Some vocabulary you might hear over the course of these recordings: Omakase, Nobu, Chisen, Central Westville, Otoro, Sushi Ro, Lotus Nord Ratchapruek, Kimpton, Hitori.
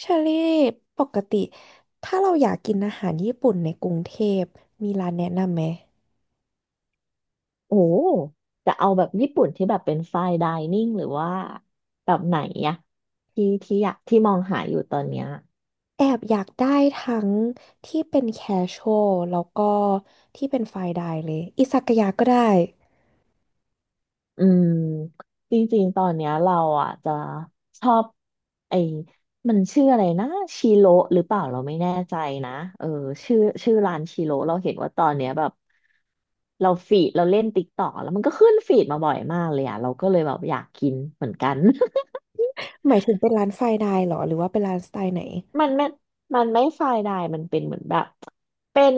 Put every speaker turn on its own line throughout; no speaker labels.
เชอรี่ปกติถ้าเราอยากกินอาหารญี่ปุ่นในกรุงเทพมีร้านแนะนำไหม
โอ้จะเอาแบบญี่ปุ่นที่แบบเป็นไฟน์ไดนิ่งหรือว่าแบบไหนอะที่อยากที่มองหาอยู่ตอนเนี้ย
แอบอยากได้ทั้งที่เป็นแคชช a l แล้วก็ที่เป็นไฟน์ไดน์เลยอิซากายะก็ได้
อืมจริงๆตอนเนี้ยเราอ่ะจะชอบไอ้มันชื่ออะไรนะชิโรหรือเปล่าเราไม่แน่ใจนะเออชื่อชื่อร้านชิโรเราเห็นว่าตอนเนี้ยแบบเราเล่นติ๊กต่อกแล้วมันก็ขึ้นฟีดมาบ่อยมากเลยอ่ะเราก็เลยแบบอยากกินเหมือนกัน
หมายถึงเป็นร้านไฟน์ไดน์เหรอหรือว่าเป็นร้านสไตล์ไหน
มันไม่มันไม่ไฟน์ไดน์มันเป็นเหมือนแบบเป็น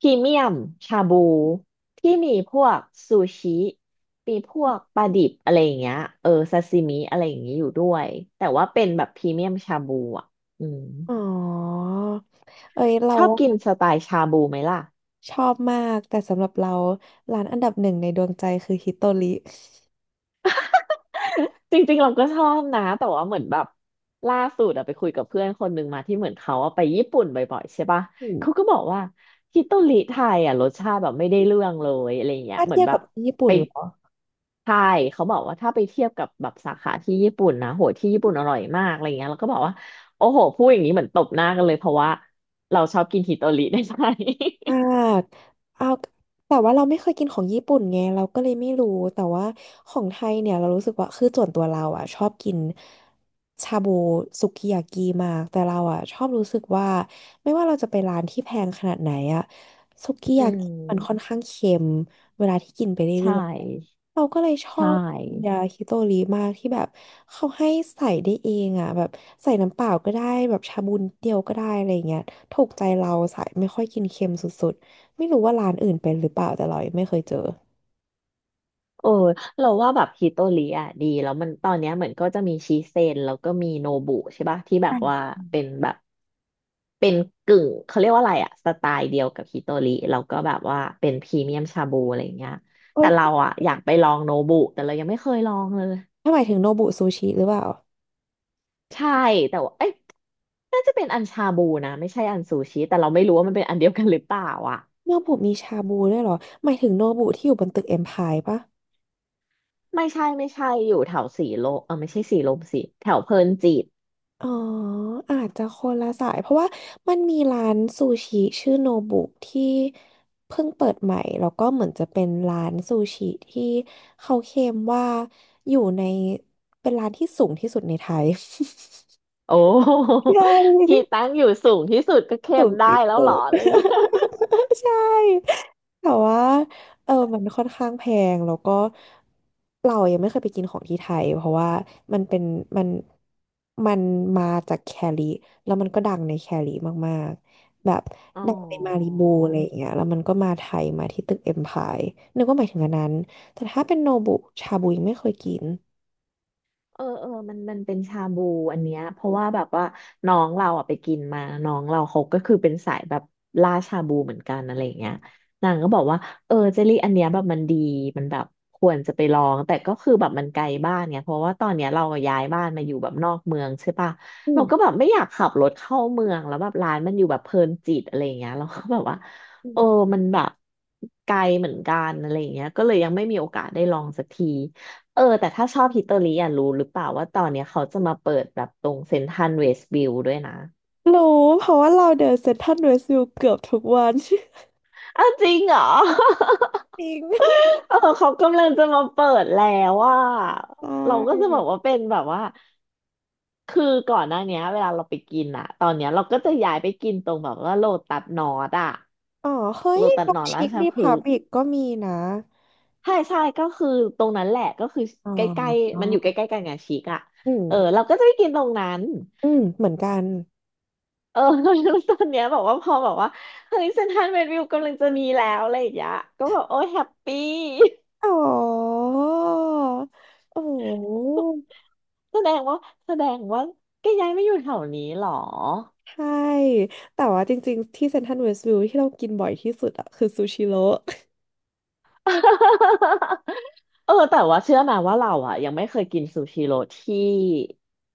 พรีเมียมชาบูที่มีพวกซูชิมีพวกปลาดิบอะไรอย่างเงี้ยเออซาซิมิอะไรอย่างเงี้ยอยู่ด้วยแต่ว่าเป็นแบบพรีเมียมชาบูอ่ะอืม
อ๋อเอ้ยเรา
ชอบกินสไตล์ชาบูไหมล่ะ
ชอบมากแต่สำหรับเราร้านอันดับหนึ่งในดวงใจคือฮิโตริ
จริงๆเราก็ชอบนะแต่ว่าเหมือนแบบล่าสุดอะไปคุยกับเพื่อนคนหนึ่งมาที่เหมือนเขาอะไปญี่ปุ่นบ่อยๆใช่ปะ
อืม
เขาก็บอกว่าฮิโตริไทยอะรสชาติแบบไม่ได้เรื่องเลยอะไรเงี้ย
ถ้า
เหมือ
เที
น
ยบ
แบ
กั
บ
บที่ญี่ปุ่
ไป
นเหรอ
ไทยเขาบอกว่าถ้าไปเทียบกับแบบสาขาที่ญี่ปุ่นนะโหที่ญี่ปุ่นอร่อยมากอะไรเงี้ยแล้วก็บอกว่าโอ้โหพูดอย่างนี้เหมือนตบหน้ากันเลยเพราะว่าเราชอบกินฮิโตริ ในไทย
อ่าเอาแต่ว่าเราไม่เคยกินของญี่ปุ่นไงเราก็เลยไม่รู้แต่ว่าของไทยเนี่ยเรารู้สึกว่าคือส่วนตัวเราอ่ะชอบกินชาบูสุกิยากิมากแต่เราอ่ะชอบรู้สึกว่าไม่ว่าเราจะไปร้านที่แพงขนาดไหนอ่ะสุกิ
อื
ยากิ
ม
มันค่อนข้างเค็มเวลาที่กินไปเรื่
ใช่
อยๆเราก็เลยชอ
ใช่
บยาฮิโตริมากที่แบบเขาให้ใส่ได้เองอ่ะแบบใส่น้ำเปล่าก็ได้แบบชาบูนิดเดียวก็ได้อะไรอย่างเงี้ย ถูกใจเราสายไม่ค่อยกินเค็มสุดๆไม่รู้ว่าร้านอื่นเป็นหรือเปล่าแต่เรายังไม่เคยเจอ
เออเราว่าแบบฮิโตริอ่ะดีแล้วมันตอนเนี้ยเหมือนก็จะมีชิเซนแล้วก็มีโนบุใช่ปะที่แบบว่าเป็นแบบเป็นกึ่งเขาเรียกว่าอะไรอ่ะสไตล์เดียวกับฮิโตริแล้วก็แบบว่าเป็นพรีเมียมชาบูอะไรอย่างเงี้ย
เฮ้
แต่
ย
เราอ่ะอยากไปลองโนบุแต่เรายังไม่เคยลองเลย
ถ้าหมายถึงโนบุซูชิหรือเปล่า
ใช่แต่ว่าเอ้ยน่าจะเป็นอันชาบูนะไม่ใช่อันซูชิแต่เราไม่รู้ว่ามันเป็นอันเดียวกันหรือเปล่าอ่ะ
โนบุมีชาบูด้วยเหรอหมายถึงโนบุที่อยู่บนตึกเอ็มพายปะ
ไม่ใช่อยู่แถวสีลมเออไม่ใช่สีลมสิแถวเพลินจิต
อ๋ออาจจะคนละสายเพราะว่ามันมีร้านซูชิชื่อโนบุที่เพิ่งเปิดใหม่แล้วก็เหมือนจะเป็นร้านซูชิที่เขาเคลมว่าอยู่ในเป็นร้านที่สูงที่สุดในไทย
โอ้
ใช
ที่
่
ตั้งอยู่สูงที่สุดก็เค็
สู
ม
ง
ได้
ที่
แล้ว
สุ
เหรอ
ด
อะไรอย่างเงี้ย
ใช่แต่ว่ามันค่อนข้างแพงแล้วก็เรายังไม่เคยไปกินของที่ไทยเพราะว่ามันเป็นมันมันมาจากแคลิแล้วมันก็ดังในแคลิมากๆแบบ
อ๋อ
ดังในมาริบูอะไรอย่างเงี้ยแล้วมันก็มาไทยมาที่ตึกเอ็มพายนึกว่าหมายถึงอันนั้นแต่ถ้าเป็นโนบุชาบูยังไม่เคยกิน
เออเออมันเป็นชาบูอันเนี้ยเพราะว่าแบบว่าน้องเราอ่ะไปกินมาน้องเราเขาก็คือเป็นสายแบบล่าชาบูเหมือนกันอะไรอย่างเงี้ยนางก็บอกว่าเออเจลลี่อันเนี้ยแบบมันดีมันแบบควรจะไปลองแต่ก็คือแบบมันไกลบ้านไยเพราะว่าตอนเนี้ยเราย้ายบ้านมาอยู่แบบนอกเมืองใช่ปะ
อื
เรา
ม
ก็แบบไม่อยากขับรถเข้าเมืองแล้วแบบร้านมันอยู่แบบเพลินจิตอะไรอย่างเงี้ยเราก็แบบว่า
อื
เออ
ม
มันแบบไกลเหมือนกันอะไรอย่างเงี้ยก็เลยยังไม่มีโอกาสได้ลองสักที เออแต่ถ้าชอบฮิตเตอรี่อ่ะรู้หรือเปล่าว่าตอนเนี้ยเขาจะมาเปิดแบบตรงเซ็นทรัลเวสต์วิวด้วยนะ
รู้เพราะว่าเราเดินเซ็นทรัลเวสต์วิวเกือบทุกวัน
อ้าวจริงเหรอ
จริง
เออเขากำลังจะมาเปิดแล้วว่า
ใช
เราก็
่
จะบอกว่าเป็นแบบว่าคือก่อนหน้าเนี้ยเวลาเราไปกินอ่ะตอนเนี้ยเราก็จะย้ายไปกินตรงแบบว่าโลตัสนอร์ดอ่ะ
อ๋อ เฮ้
โล
ย
ตัส
บ็อ
น
ก
อร์ด
ชิ
รา
ค
ช
ดี
พฤ
พับ
กษ์
ลิกก็มีนะ
ใช่ใช่ก็คือตรงนั้นแหละก็คือ
อ๋
ใกล้
อ
ๆมันอยู่ใกล้ๆกันไงชิกอ่ะ
อืม
เออเราก็จะไปกินตรงนั้น
อืมเหมือนกัน
เออ แล้วตอนเนี้ยบอกว่าพอบอกว่าเฮ้ยเซ็นทรัลเวสต์วิวกำลังจะมีแล้วอะไรอย่างเงี้ยก็บอกโอ้ยแฮปปี้
อ๋อโอ้
แสดงว่าแสดงว่าแกย้ายไม่อยู่แถวนี้หรอ
ใช่แต่ว่าจริงๆ ที่เซ็นทรัลเวสต์วิวที่เรากินบ่อยที่สุดอะคือซูชิโร่
เออแต่ว่าเชื่อไหมว่าเราอ่ะยังไม่เคยกินซูชิโร่ที่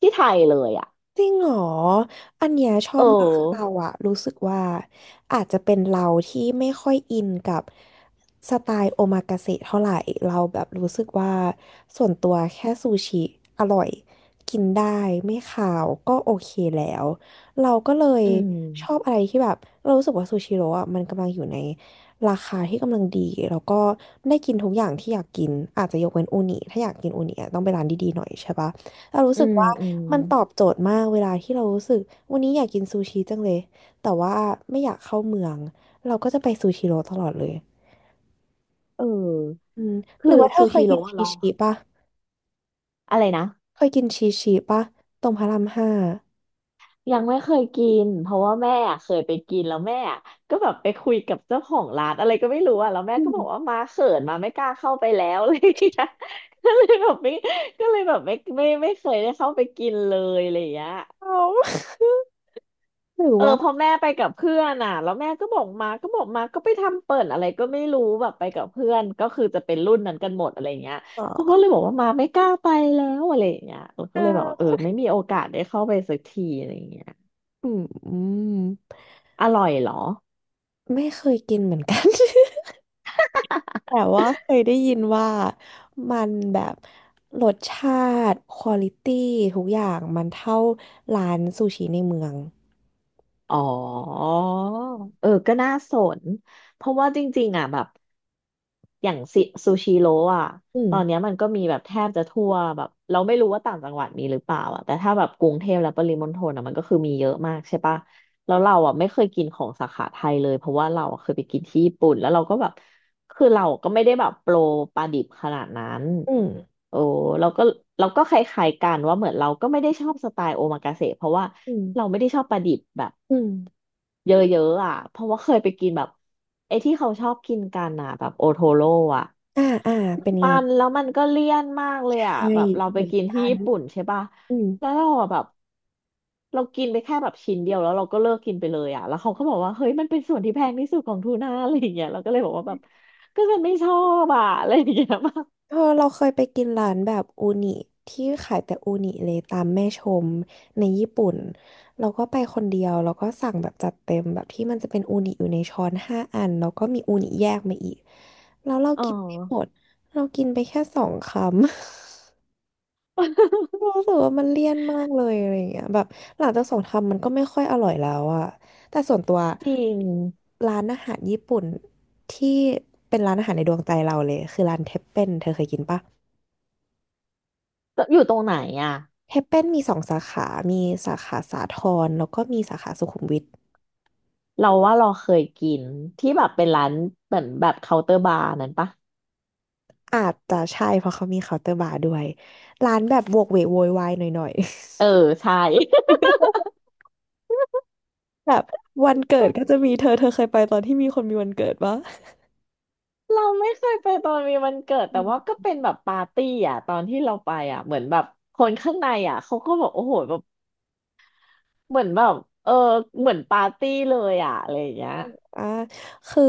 ที่ไทยเลยอ่ะ
จริงเหรอ อันเนี้ยชอ
เอ
บมากคือ
อ
เราอะรู้สึกว่าอาจจะเป็นเราที่ไม่ค่อยอินกับสไตล์โอมากาเสะเท่าไหร่เราแบบรู้สึกว่าส่วนตัวแค่ซูชิอร่อยกินได้ไม่คาวก็โอเคแล้ว เราก็เลย
อื
ชอบ
ม
อะไรที่แบบเรารู้สึกว่าซูชิโร่อะมันกำลังอยู่ในราคาที่กำลังดีแล้วก็ได้กินทุกอย่างที่อยากกินอาจจะยกเว้นอูนิถ้าอยากกินอูนิอะต้องไปร้านดีๆหน่อยใช่ปะ เรารู้
อื
สึก
ม
ว่า
อืม
มันตอบโจทย์มากเวลาที่เรารู้สึกวันนี้อยากกินซูชิจังเลยแต่ว่าไม่อยากเข้าเมืองเราก็จะไปซูชิโร่ตลอดเลย
เออ
อืมหรื
คื
อ
อ
ว่าเธ
ซู
อเคย
ชิ
กิ
โร่
น
อะล
ชีชิปะ
อะไรนะ
เคยกินชีชิปะตรงพระรามห้า
ยังไม่เคยกินเพราะว่าแม่อะเคยไปกินแล้วแม่อะก็แบบไปคุยกับเจ้าของร้านอะไรก็ไม่รู้อะแล้วแม่
อื
ก็
ม
บอกว่ามาเขินมาไม่กล้าเข้าไปแล้ว อะไรอย่างเลยก็เลยแบบไม่ก็เลยแบบไม่เคยได้เข้าไปกินเลยอะไรอย่างเงี้ย
เอาหรือ
เออ
ว่า
พอแม่ไปกับเพื่อนอ่ะแล้วแม่ก็บอกมาก็ไปทำเปิดอะไรก็ไม่รู้แบบไปกับเพื่อนก็คือจะเป็นรุ่นนั้นกันหมดอะไรเงี้ย
เอ
เขา
่
ก็เลยบอกว่ามาไม่กล้าไปแล้วอะไรเงี้ยเราก็เลยบอกว่าเออ
อ
ไม่มีโอกาสได้เข้าไปสักทีอะไร่เงี้ย
อืมอืม
อร่อยเหรอ
ไม่เคยกินเหมือนกัน แต่ว่าเคยได้ยินว่ามันแบบรสชาติควอลิตี้ทุกอย่างมันเท่าร้านซูชิในเมือง
อ๋อเออก็น่าสนเพราะว่าจริงๆอ่ะแบบอย่างซิซูชิโร่อ่ะ
อืม
ตอนเนี้ยมันก็มีแบบแทบจะทั่วแบบเราไม่รู้ว่าต่างจังหวัดมีหรือเปล่าอ่ะแต่ถ้าแบบกรุงเทพและปริมณฑลอ่ะมันก็คือมีเยอะมากใช่ปะแล้วเราอ่ะไม่เคยกินของสาขาไทยเลยเพราะว่าเราอะเคยไปกินที่ญี่ปุ่นแล้วเราก็แบบคือเราก็ไม่ได้แบบโปรปลาดิบขนาดนั้น
อืม
โอ้เราก็เราก็คล้ายๆกันว่าเหมือนเราก็ไม่ได้ชอบสไตล์โอมากาเสะเพราะว่า
อื
เรา
ม
ไม่ได้ชอบปลาดิบแบบ
อืม
เยอะๆอ่ะเพราะว่าเคยไปกินแบบไอ้ที่เขาชอบกินกันอ่ะแบบโอโทโร่อ่ะ
อ่าอ่าเป็นไง
มันแล้วมันก็เลี่ยนมากเล
ใช
ยอ่ะ
่
แบบเรา
เห
ไป
มือน
กินที่
กัน
ญี่ปุ่นใช่ป่ะ
อืม
แล้วเราอะแบบเรากินไปแค่แบบชิ้นเดียวแล้วเราก็เลิกกินไปเลยอ่ะแล้วเขาก็บอกว่าเฮ้ยมันเป็นส่วนที่แพงที่สุดของทูน่าอะไรอย่างเงี้ยเราก็เลยบอกว่าแบบก็ฉันไม่ชอบอ่ะอะไรอย่างเงี้ย มาก
เออเราเคยไปกินร้านแบบอูนิที่ขายแต่อูนิเลยตามแม่ชมในญี่ปุ่นเราก็ไปคนเดียวแล้วก็สั่งแบบจัดเต็มแบบที่มันจะเป็นอูนิอยู่ในช้อนห้าอันแล้วก็มีอูนิแยกมาอีกแล้วเรา
อ๋อ
กินไม่หมดเรากินไปแค่สองคำ รู้สึกว่ามันเลี่ยนมากเลยอะไรอย่างเงี้ยแบบหลังจากสงครามมันก็ไม่ค่อยอร่อยแล้วอะแต่ส่วนตัว
จริง
ร้านอาหารญี่ปุ่นที่เป็นร้านอาหารในดวงใจเราเลยคือร้านเทปเป้นเธอเคยกินปะ
อยู่ตรงไหนอ่ะ
เทปเป้นมีสองสาขา มีสาขาสาทรแล้วก็มีสาขาสุขุมวิท
เราว่าเราเคยกินที่แบบเป็นร้านเหมือนแบบเคาน์เตอร์บาร์นั้นปะ
อาจจะใช่เพราะเขามีเคาน์เตอร์บาร์ด้วยร้านแบบโวกเวกโวยวายหน่อยๆ
เออใช่
แบบวันเกิดก็จะมีเธอเคยไปตอนที่มีคนมีวันเกิดปะ
เราไม่เคยไปตอนมีวันเกิดแต่ว่าก็เป็นแบบปาร์ตี้อ่ะตอนที่เราไปอ่ะเหมือนแบบคนข้างในอ่ะเขาก็บบกโอ้โหแบบเหมือนแบบเออเหมือนปาร์ตี้เลยอ่ะอะไรอย่างเงี้ย
อ่าคือ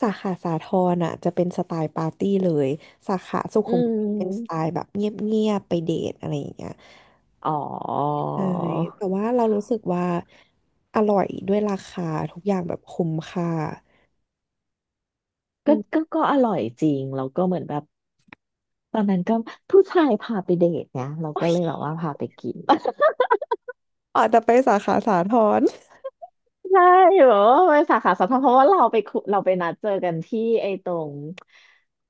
สาขาสาทรอ่ะจะเป็นสไตล์ปาร์ตี้เลยสาขาสุ
อื
ขุมวิทเป็นสไต
ม
ล์แบบเงียบๆไปเดทอะไรอย่างเงี้ย
อ๋อ
ใช่แต่ว่าเรารู้สึกว่าอร่อยด้วยราคาทุกอย่างแบบคุ้มค่าอื
ก็
ม
ก็ก็อร่อยจริงแล้วก็เหมือนแบบตอนนั้นก็ผู้ชายพาไปเดทเนี่ยเรา
โอ้
ก็
ย
เลยแบบว่าพาไปกิน
อาจจะไปสาขาสาทร
ใช่แบบว่าไปสาขาสองเพราะว่าเราไปคุเราไปนัดเจอกันที่ไอ้ตรง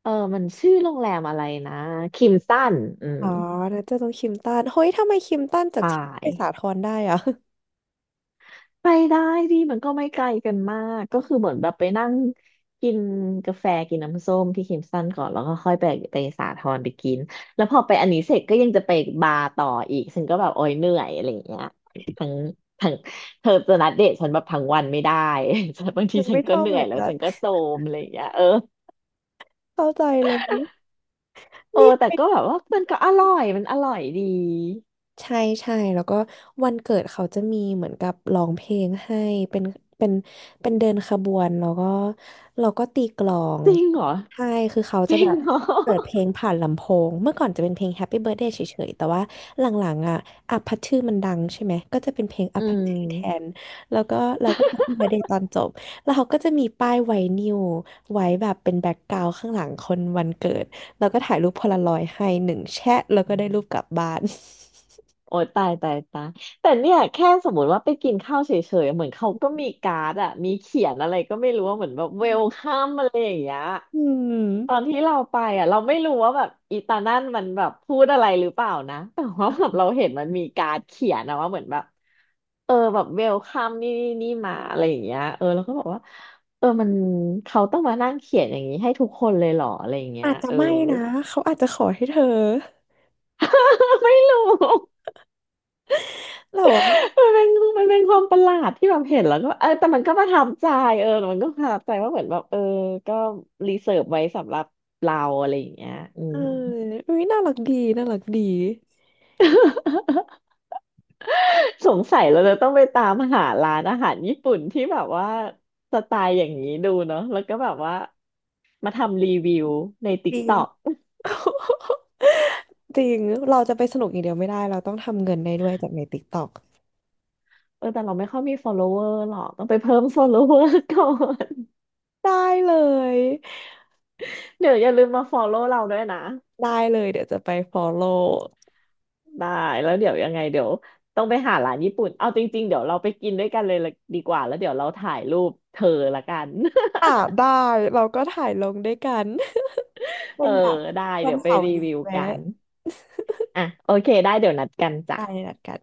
เออมันชื่อโรงแรมอะไรนะคิมสันอืม
อ๋อนะจะต้องคิมตันเฮ้ยทำไมคิมตันจาก
ใช่
ที่ไปสาทรได้อ่ะ
ไปได้ดีมันก็ไม่ไกลกันมากก็คือเหมือนแบบไปนั่งกินกาแฟกินน้ำส้มที่คิมสันก่อนแล้วก็ค่อยไปไปสาทรไปกินแล้วพอไปอันนี้เสร็จก็ยังจะไปบาร์ต่ออีกฉันก็แบบโอ๊ยเหนื่อยอะไรอย่างเงี้ยทั้งทั้งเธอจะนัดเดทฉันแบบทั้งวันไม่ได้ บางที
มัน
ฉั
ไม่
น
ช
ก็
อบ
เหนื่
เห
อ
มื
ย
อน
แล้ว
กัน
ฉันก็โทรมอะไรอย่างเงี้ยเออ
เข้าใจเลย
เออแต่
นี่
ก็แบบว่ามันก็อร่อยมันอร่อยดี
ใช่ใช่ แล้วก็วันเกิดเขาจะมีเหมือนกับร้องเพลงให้ เป็นเป็นเป็นเดินขบวนแล้วก็เราก็ตีกลอง
จริงเหรอ
ใช่ คือเขา
จ
จะ
ริ
แบ
ง
บ
เหรอ
เปิดเพลงผ่านลำโพง เมื่อก่อนจะเป็นเพลง Happy Birthday เฉยๆแต่ว่าหลังๆอ่ะอัพพัชชื่อมันดังใช่ไหมก็จะเป็นเพลง อั
อื
พพัช
ม
ชื่อแทน แล้วก็เราก็ Happy Birthday ตอนจบ แล้วเขาก็จะมีป้ายไวนิลไว้แบบเป็นแบ็กกราวด์ข้างหลังคนวันเกิดแล้วก็ถ่ายรูปโพลารอยด์ให้หนึ่งแชะแล้วก็ได้รูปกลับบ้าน
โอ้ยตายตายตายแต่เนี่ยแค่สมมติว่าไปกินข้าวเฉยๆเหมือนเขาก็มีการ์ดอะมีเขียนอะไรก็ไม่รู้ว่าเหมือนแบบเวลคัมอะไรอย่างเงี้ย
อืม
ตอนที่เราไปอะเราไม่รู้ว่าแบบอีตานั่นมันแบบพูดอะไรหรือเปล่านะแต่ว่าแบบเราเห็นมันมีการ์ดเขียนอะว่าเหมือนแบบเออแบบเวลคัมนี่นี่นี่มาอะไรอย่างเงี้ยเออแล้วก็บอกว่าเออมันเขาต้องมานั่งเขียนอย่างนี้ให้ทุกคนเลยเหรออะไรอย่างเงี้ย
อาจจะ
เออ
ไม่นะเขาอาจจะขอให้เธอ
ไม่รู้
แล้วอ่ะ
มันเป็นมันเป็นความประหลาดที่แบบเห็นแล้วก็เออแต่มันก็ประทับใจเออแต่มันก็ประทับใจว่าเหมือนแบบเออก็รีเสิร์ฟไว้สำหรับเราอะไรอย่างเงี้ยอื
เอ
ม
ออุ้ยน่ารักดีน่ารักดี
สงสัยเราจะต้องไปตามหาร้านอาหารญี่ปุ่นที่แบบว่าสไตล์อย่างนี้ดูเนาะแล้วก็แบบว่ามาทำรีวิวใน t
จ
ก
ริ
ต็อก
งจริงเราจะไปสนุกอย่างเดียวไม่ได้เราต้องทำเงินได้ด้วยจากใน TikTok
เออแต่เราไม่ค่อยมี follower หรอกต้องไปเพิ่ม follower ก่อน
ได้เลย
เดี๋ยวอย่าลืมมา follow เราด้วยนะ
ได้เลยเดี๋ยวจะไป follow
ได้แล้วเดี๋ยวยังไงเดี๋ยวต้องไปหาร้านญี่ปุ่นเอาจริงๆเดี๋ยวเราไปกินด้วยกันเลยละดีกว่าแล้วเดี๋ยวเราถ่ายรูปเธอละกัน
อ่ะได้เราก็ถ่ายลงด้วยกัน
เอ
วั
อ
นแบบ
ได้
วั
เดี๋
น
ยวไป
เสาร์
รี
นี้
วิวกั
แวะ
นอ่ะโอเคได้เดี๋ยวนัดกันจ้ะ
ได้นัดกัน